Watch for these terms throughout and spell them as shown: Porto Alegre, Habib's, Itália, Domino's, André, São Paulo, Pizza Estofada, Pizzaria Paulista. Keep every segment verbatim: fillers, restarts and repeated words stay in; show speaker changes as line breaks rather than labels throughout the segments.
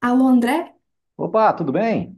Alô, André?
Opa, tudo bem?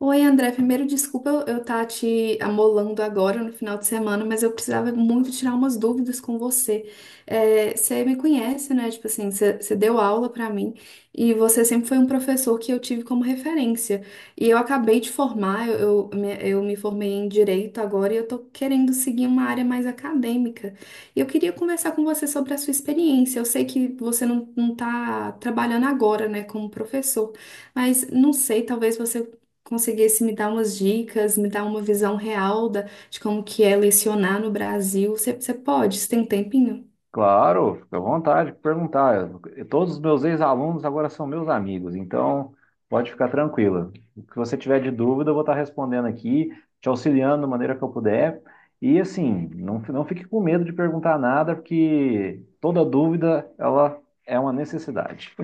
Oi, André. Primeiro, desculpa eu eu tá te amolando agora no final de semana, mas eu precisava muito tirar umas dúvidas com você. É, você me conhece, né? Tipo assim, você você deu aula pra mim e você sempre foi um professor que eu tive como referência. E eu acabei de formar, eu, eu, me, eu me formei em Direito agora e eu tô querendo seguir uma área mais acadêmica. E eu queria conversar com você sobre a sua experiência. Eu sei que você não, não tá trabalhando agora, né, como professor. Mas não sei, talvez você conseguisse me dar umas dicas, me dar uma visão real da, de como que é lecionar no Brasil. Você você pode? Você tem um tempinho?
Claro, fica à vontade de perguntar. Eu- todos os meus ex-alunos agora são meus amigos, então pode ficar tranquila. O que você tiver de dúvida, eu vou estar respondendo aqui, te auxiliando da maneira que eu puder. E assim, não, fi- não fique com medo de perguntar nada, porque toda dúvida, ela é uma necessidade.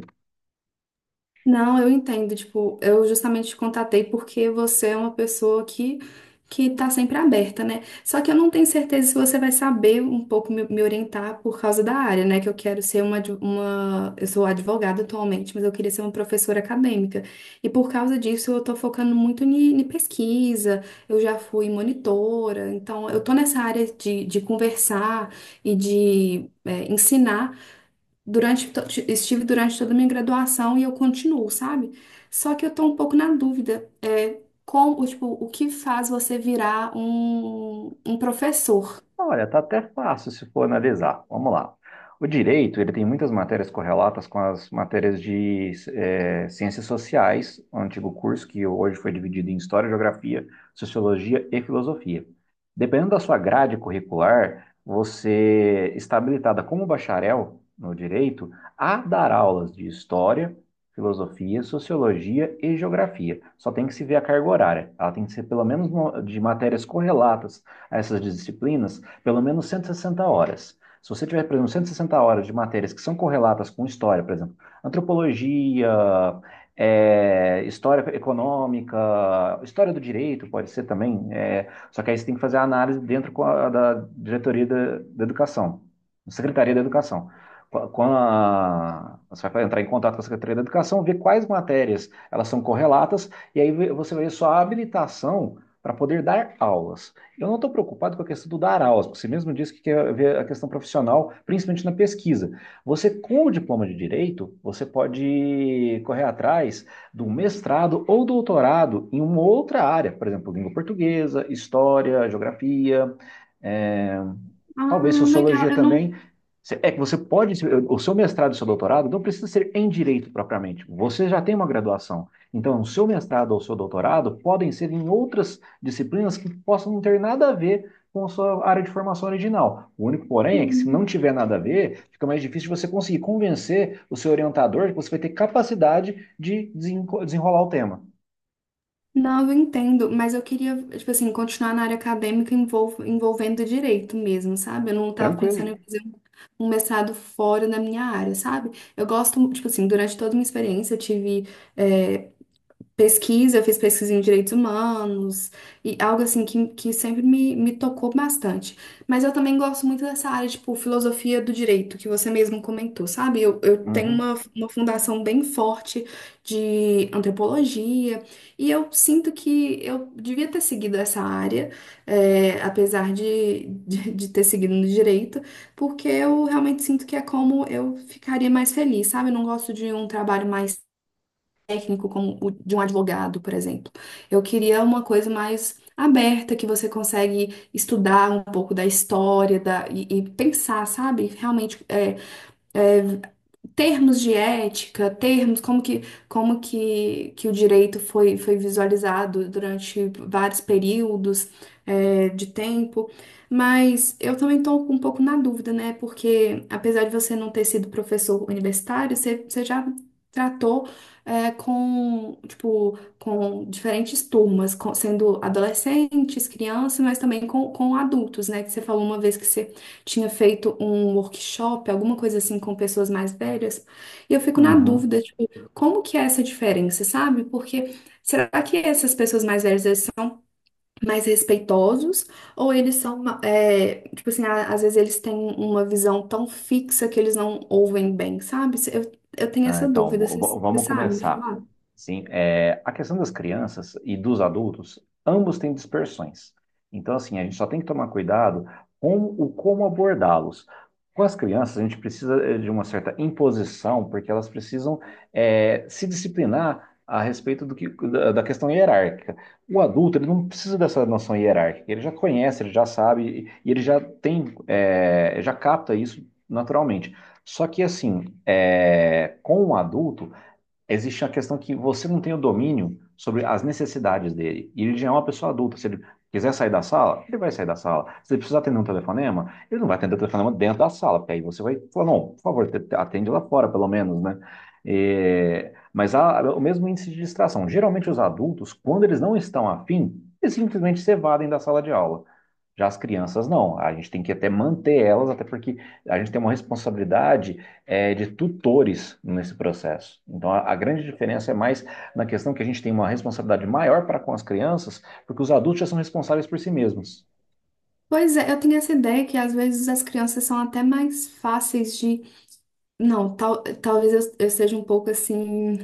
Não, eu entendo. Tipo, eu justamente te contatei porque você é uma pessoa que, que tá sempre aberta, né? Só que eu não tenho certeza se você vai saber um pouco me, me orientar por causa da área, né? Que eu quero ser uma, adv- uma. Eu sou advogada atualmente, mas eu queria ser uma professora acadêmica. E por causa disso, eu tô focando muito em, em pesquisa, eu já fui monitora, então eu tô nessa área de, de conversar e de. eh, ensinar durante, to- estive durante toda a minha graduação e eu continuo, sabe? Só que eu tô um pouco na dúvida, é, como, tipo, o que faz você virar um, um professor?
Olha, tá até fácil se for analisar. Vamos lá. O direito, ele tem muitas matérias correlatas com as matérias de eh, ciências sociais, o antigo curso que hoje foi dividido em História, Geografia, Sociologia e Filosofia. Dependendo da sua grade curricular, você está habilitada como bacharel no direito a dar aulas de História, Filosofia, Sociologia e Geografia. Só tem que se ver a carga horária. Ela tem que ser pelo menos no- de matérias correlatas a essas disciplinas pelo menos cento e sessenta horas. Se você tiver, por exemplo, cento e sessenta horas de matérias que são correlatas com história, por exemplo, antropologia, é, história econômica, história do direito, pode ser também, é, só que aí você tem que fazer a análise dentro da diretoria da, da educação, da Secretaria da Educação. Quando a- você vai entrar em contato com a Secretaria da Educação, ver quais matérias elas são correlatas, e aí você vai ver sua habilitação para poder dar aulas. Eu não estou preocupado com a questão do dar aulas, porque você mesmo disse que quer ver a questão profissional, principalmente na pesquisa. Você, com o diploma de direito, você pode correr atrás de um mestrado ou doutorado em uma outra área, por exemplo, língua portuguesa, história, geografia, é,
Ah,
talvez sociologia
legal, eu não...
também. É que você pode, o seu mestrado e seu doutorado não precisa ser em direito propriamente. Você já tem uma graduação. Então, o seu mestrado ou o seu doutorado podem ser em outras disciplinas que possam não ter nada a ver com a sua área de formação original. O único, porém, é que se não tiver nada a ver, fica mais difícil você conseguir convencer o seu orientador que você vai ter capacidade de desenrolar o tema.
Não, eu entendo, mas eu queria, tipo assim, continuar na área acadêmica envol- envolvendo direito mesmo, sabe? Eu não tava
Tranquilo.
pensando em fazer um um mestrado fora da minha área, sabe? Eu gosto, tipo assim, durante toda a minha experiência, eu tive é, pesquisa, eu fiz pesquisa em direitos humanos, e algo assim que, que sempre me, me tocou bastante. Mas eu também gosto muito dessa área, tipo, filosofia do direito, que você mesmo comentou, sabe? Eu, eu tenho
Uhum,
uma, uma fundação bem forte de antropologia, e eu sinto que eu devia ter seguido essa área, é, apesar de, de, de ter seguido no direito, porque eu realmente sinto que é como eu ficaria mais feliz, sabe? Eu não gosto de um trabalho mais técnico como o de um advogado, por exemplo. Eu queria uma coisa mais aberta, que você consegue estudar um pouco da história da, e, e pensar, sabe? Realmente é, termos de ética, termos, como que, como que, que o direito foi, foi visualizado durante vários períodos, é, de tempo. Mas eu também estou um pouco na dúvida, né? Porque apesar de você não ter sido professor universitário, você, você já tratou, é, com, tipo, com diferentes turmas, com- sendo adolescentes, crianças, mas também com, com adultos, né? Que você falou uma vez que você tinha feito um workshop, alguma coisa assim, com pessoas mais velhas, e eu fico na
uhum.
dúvida, tipo, como que é essa diferença, sabe? Porque será que essas pessoas mais velhas, eles são mais respeitosos, ou eles são, é, tipo assim, a- às vezes eles têm uma visão tão fixa que eles não ouvem bem, sabe? Eu, eu tenho
Ah,
essa
então,
dúvida,
v-
você
v-
você
vamos
sabe me
começar.
falar?
Sim, é, a questão das crianças e dos adultos, ambos têm dispersões. Então, assim, a gente só tem que tomar cuidado com o como abordá-los. Com as crianças, a gente precisa eh, de uma certa imposição, porque elas precisam eh, se disciplinar a respeito do que, da, da questão hierárquica. O adulto, ele não precisa dessa noção hierárquica, ele já conhece, ele já sabe, e e ele já tem, eh, já capta isso naturalmente. Só que assim, é, com o adulto, existe a questão que você não tem o domínio sobre as necessidades dele. E ele já é uma pessoa adulta. Se ele quiser sair da sala, ele vai sair da sala. Se ele precisar atender um telefonema, ele não vai atender o telefonema dentro da sala, porque aí você vai falar, não, por favor, te- atende lá fora, pelo menos, né? É, mas há o mesmo índice de distração. Geralmente os adultos, quando eles não estão afim, eles simplesmente se evadem da sala de aula. Já as crianças não, a gente tem que até manter elas, até porque a gente tem uma responsabilidade eh, de tutores nesse processo. Então a, a grande diferença é mais na questão que a gente tem uma responsabilidade maior para com as crianças, porque os adultos já são responsáveis por si mesmos,
Pois é, eu tenho essa ideia que às vezes as crianças são até mais fáceis de. Não, tal, talvez eu eu seja um pouco assim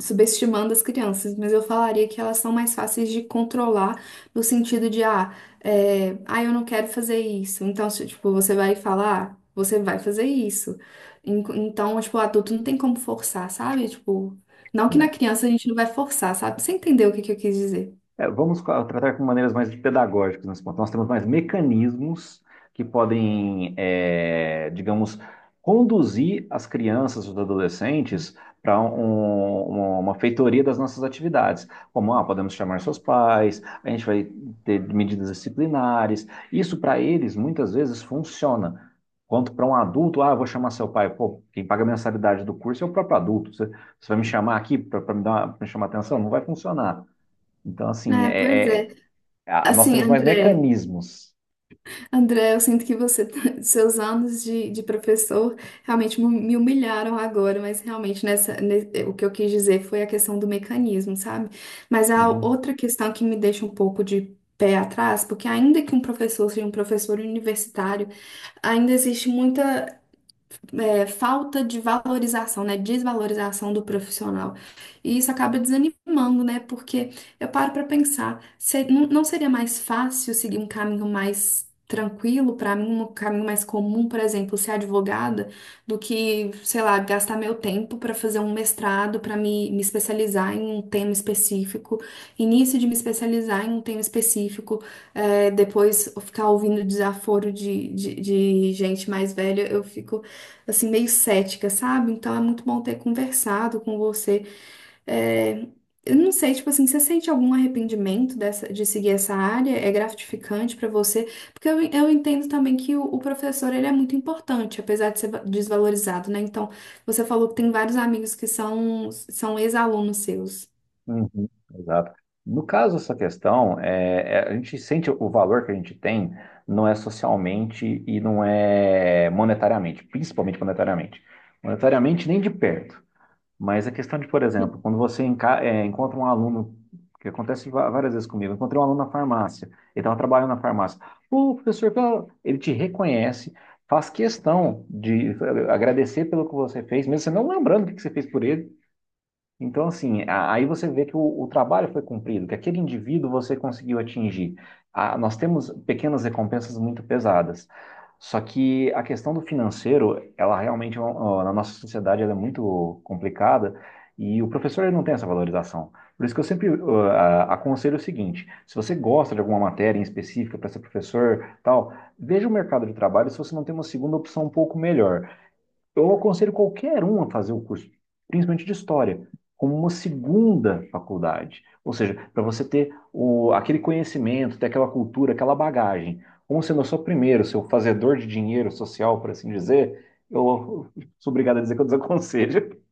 subestimando as crianças, mas eu falaria que elas são mais fáceis de controlar no sentido de, ah, é, ah, eu não quero fazer isso. Então, se, tipo, você vai falar, "Ah, você vai fazer isso. En- Então, tipo, o adulto não tem como forçar, sabe? Tipo, não que na
né?
criança a gente não vai forçar, sabe? Você entendeu o que que eu quis dizer?
É, vamos co- tratar com maneiras mais pedagógicas nesse ponto. Nós temos mais mecanismos que podem, é, digamos, conduzir as crianças, os adolescentes, para uma feitoria das nossas atividades. Como, ah, podemos chamar seus pais, a gente vai ter medidas disciplinares. Isso, para eles, muitas vezes funciona. Quanto para um adulto, ah, eu vou chamar seu pai. Pô, quem paga a mensalidade do curso é o próprio adulto. Você, você vai me chamar aqui para me dar, para me chamar atenção? Não vai funcionar. Então, assim,
É, pois
é, é-
é.
a- nós
Assim,
temos mais
André.
mecanismos.
André, eu sinto que você, seus anos de, de professor realmente mu- me humilharam agora, mas realmente nessa, ne- o que eu quis dizer foi a questão do mecanismo, sabe? Mas a
Uhum.
outra questão que me deixa um pouco de pé atrás, porque ainda que um professor seja um professor universitário, ainda existe muita é, falta de valorização, né? Desvalorização do profissional. E isso acaba desanimando, né? Porque eu paro para pensar, se- não não seria mais fácil seguir um caminho mais tranquilo para mim, um caminho mais comum, por exemplo, ser advogada, do que, sei lá, gastar meu tempo para fazer um mestrado, para me, me especializar em um tema específico, início de me especializar em um tema específico, é, depois ficar ouvindo desaforo de, de de gente mais velha, eu fico assim, meio cética, sabe? Então é muito bom ter conversado com você. É, eu não sei, tipo assim, você sente algum arrependimento dessa, de seguir essa área? É gratificante pra você? Porque eu, eu entendo também que o, o professor, ele é muito importante, apesar de ser va- desvalorizado, né? Então, você falou que tem vários amigos que são, são ex-alunos seus.
Uhum, exato. No caso dessa questão, é, é, a gente sente o valor que a gente tem não é socialmente e não é monetariamente, principalmente monetariamente. Monetariamente, nem de perto. Mas a questão de, por exemplo, quando você enca- é, encontra um aluno, que acontece va- várias vezes comigo, eu encontrei um aluno na farmácia, ele estava trabalhando na farmácia. Pô, professor, pela- ele te reconhece, faz questão de eh, agradecer pelo que você fez, mesmo você não lembrando o que que você fez por ele, então, assim, a- aí você vê que o, o trabalho foi cumprido, que aquele indivíduo você conseguiu atingir. Ah, nós temos pequenas recompensas muito pesadas. Só que a questão do financeiro, ela realmente, é um- ó, na nossa sociedade, ela é muito complicada e o professor ele não tem essa valorização. Por isso que eu sempre ó, a- aconselho o seguinte: se você gosta de alguma matéria em específica para ser professor, tal, veja o mercado de trabalho se você não tem uma segunda opção um pouco melhor. Eu aconselho qualquer um a fazer o curso, principalmente de história, como uma segunda faculdade. Ou seja, para você ter o, aquele conhecimento, ter aquela cultura, aquela bagagem. Como sendo eu sou o primeiro, seu fazedor de dinheiro social, por assim dizer, eu sou obrigado a dizer que eu desaconselho.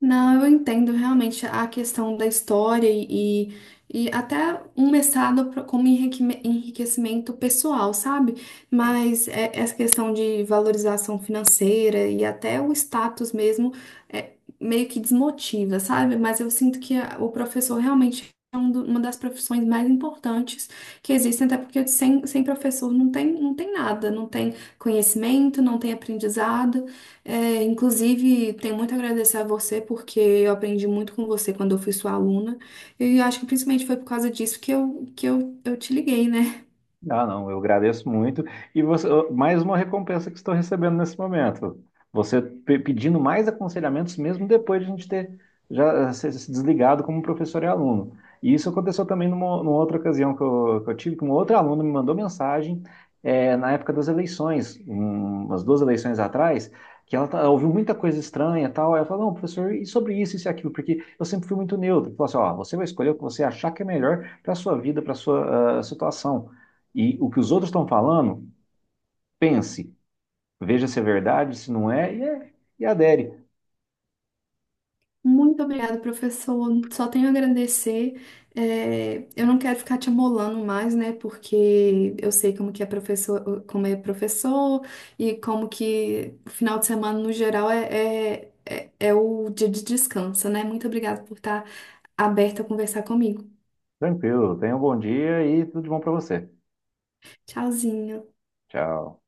Não, eu entendo realmente a questão da história e, e, até um mestrado pro- como enriquime- enriquecimento pessoal, sabe? Mas é- essa questão de valorização financeira e até o status mesmo é, meio que desmotiva, sabe? Mas eu sinto que a- o professor realmente é um do- uma das profissões mais importantes que existem, até porque sem, sem professor não tem, não tem nada, não tem conhecimento, não tem aprendizado. É, inclusive, tenho muito a agradecer a você, porque eu aprendi muito com você quando eu fui sua aluna. E eu acho que principalmente foi por causa disso que eu, que eu, eu te liguei, né?
Ah, não, eu agradeço muito. E você, mais uma recompensa que estou recebendo nesse momento. Você pe- pedindo mais aconselhamentos, mesmo depois de a gente ter já eh, se se desligado como professor e aluno. E isso aconteceu também numa, numa outra ocasião que eu, que eu tive, que um outro aluno me mandou mensagem, eh, na época das eleições, um- umas duas eleições atrás, que ela, tá- ela ouviu muita coisa estranha e tal. Aí ela falou, não, professor, e sobre isso, isso e aquilo? Porque eu sempre fui muito neutro. Falou assim, ó, você vai escolher o que você achar que é melhor para a sua vida, para a sua ah, situação. E o que os outros estão falando, pense, veja se é verdade, se não é, e, é, e adere.
Muito obrigada, professor. Só tenho a agradecer. É, eu não quero ficar te amolando mais, né? Porque eu sei como que é professor, como é professor e como que o final de semana, no geral, é, é, é, é o dia de descanso, né? Muito obrigada por estar aberta a conversar comigo.
Tranquilo, tenha um bom dia e tudo de bom para você.
Tchauzinho.
Tchau.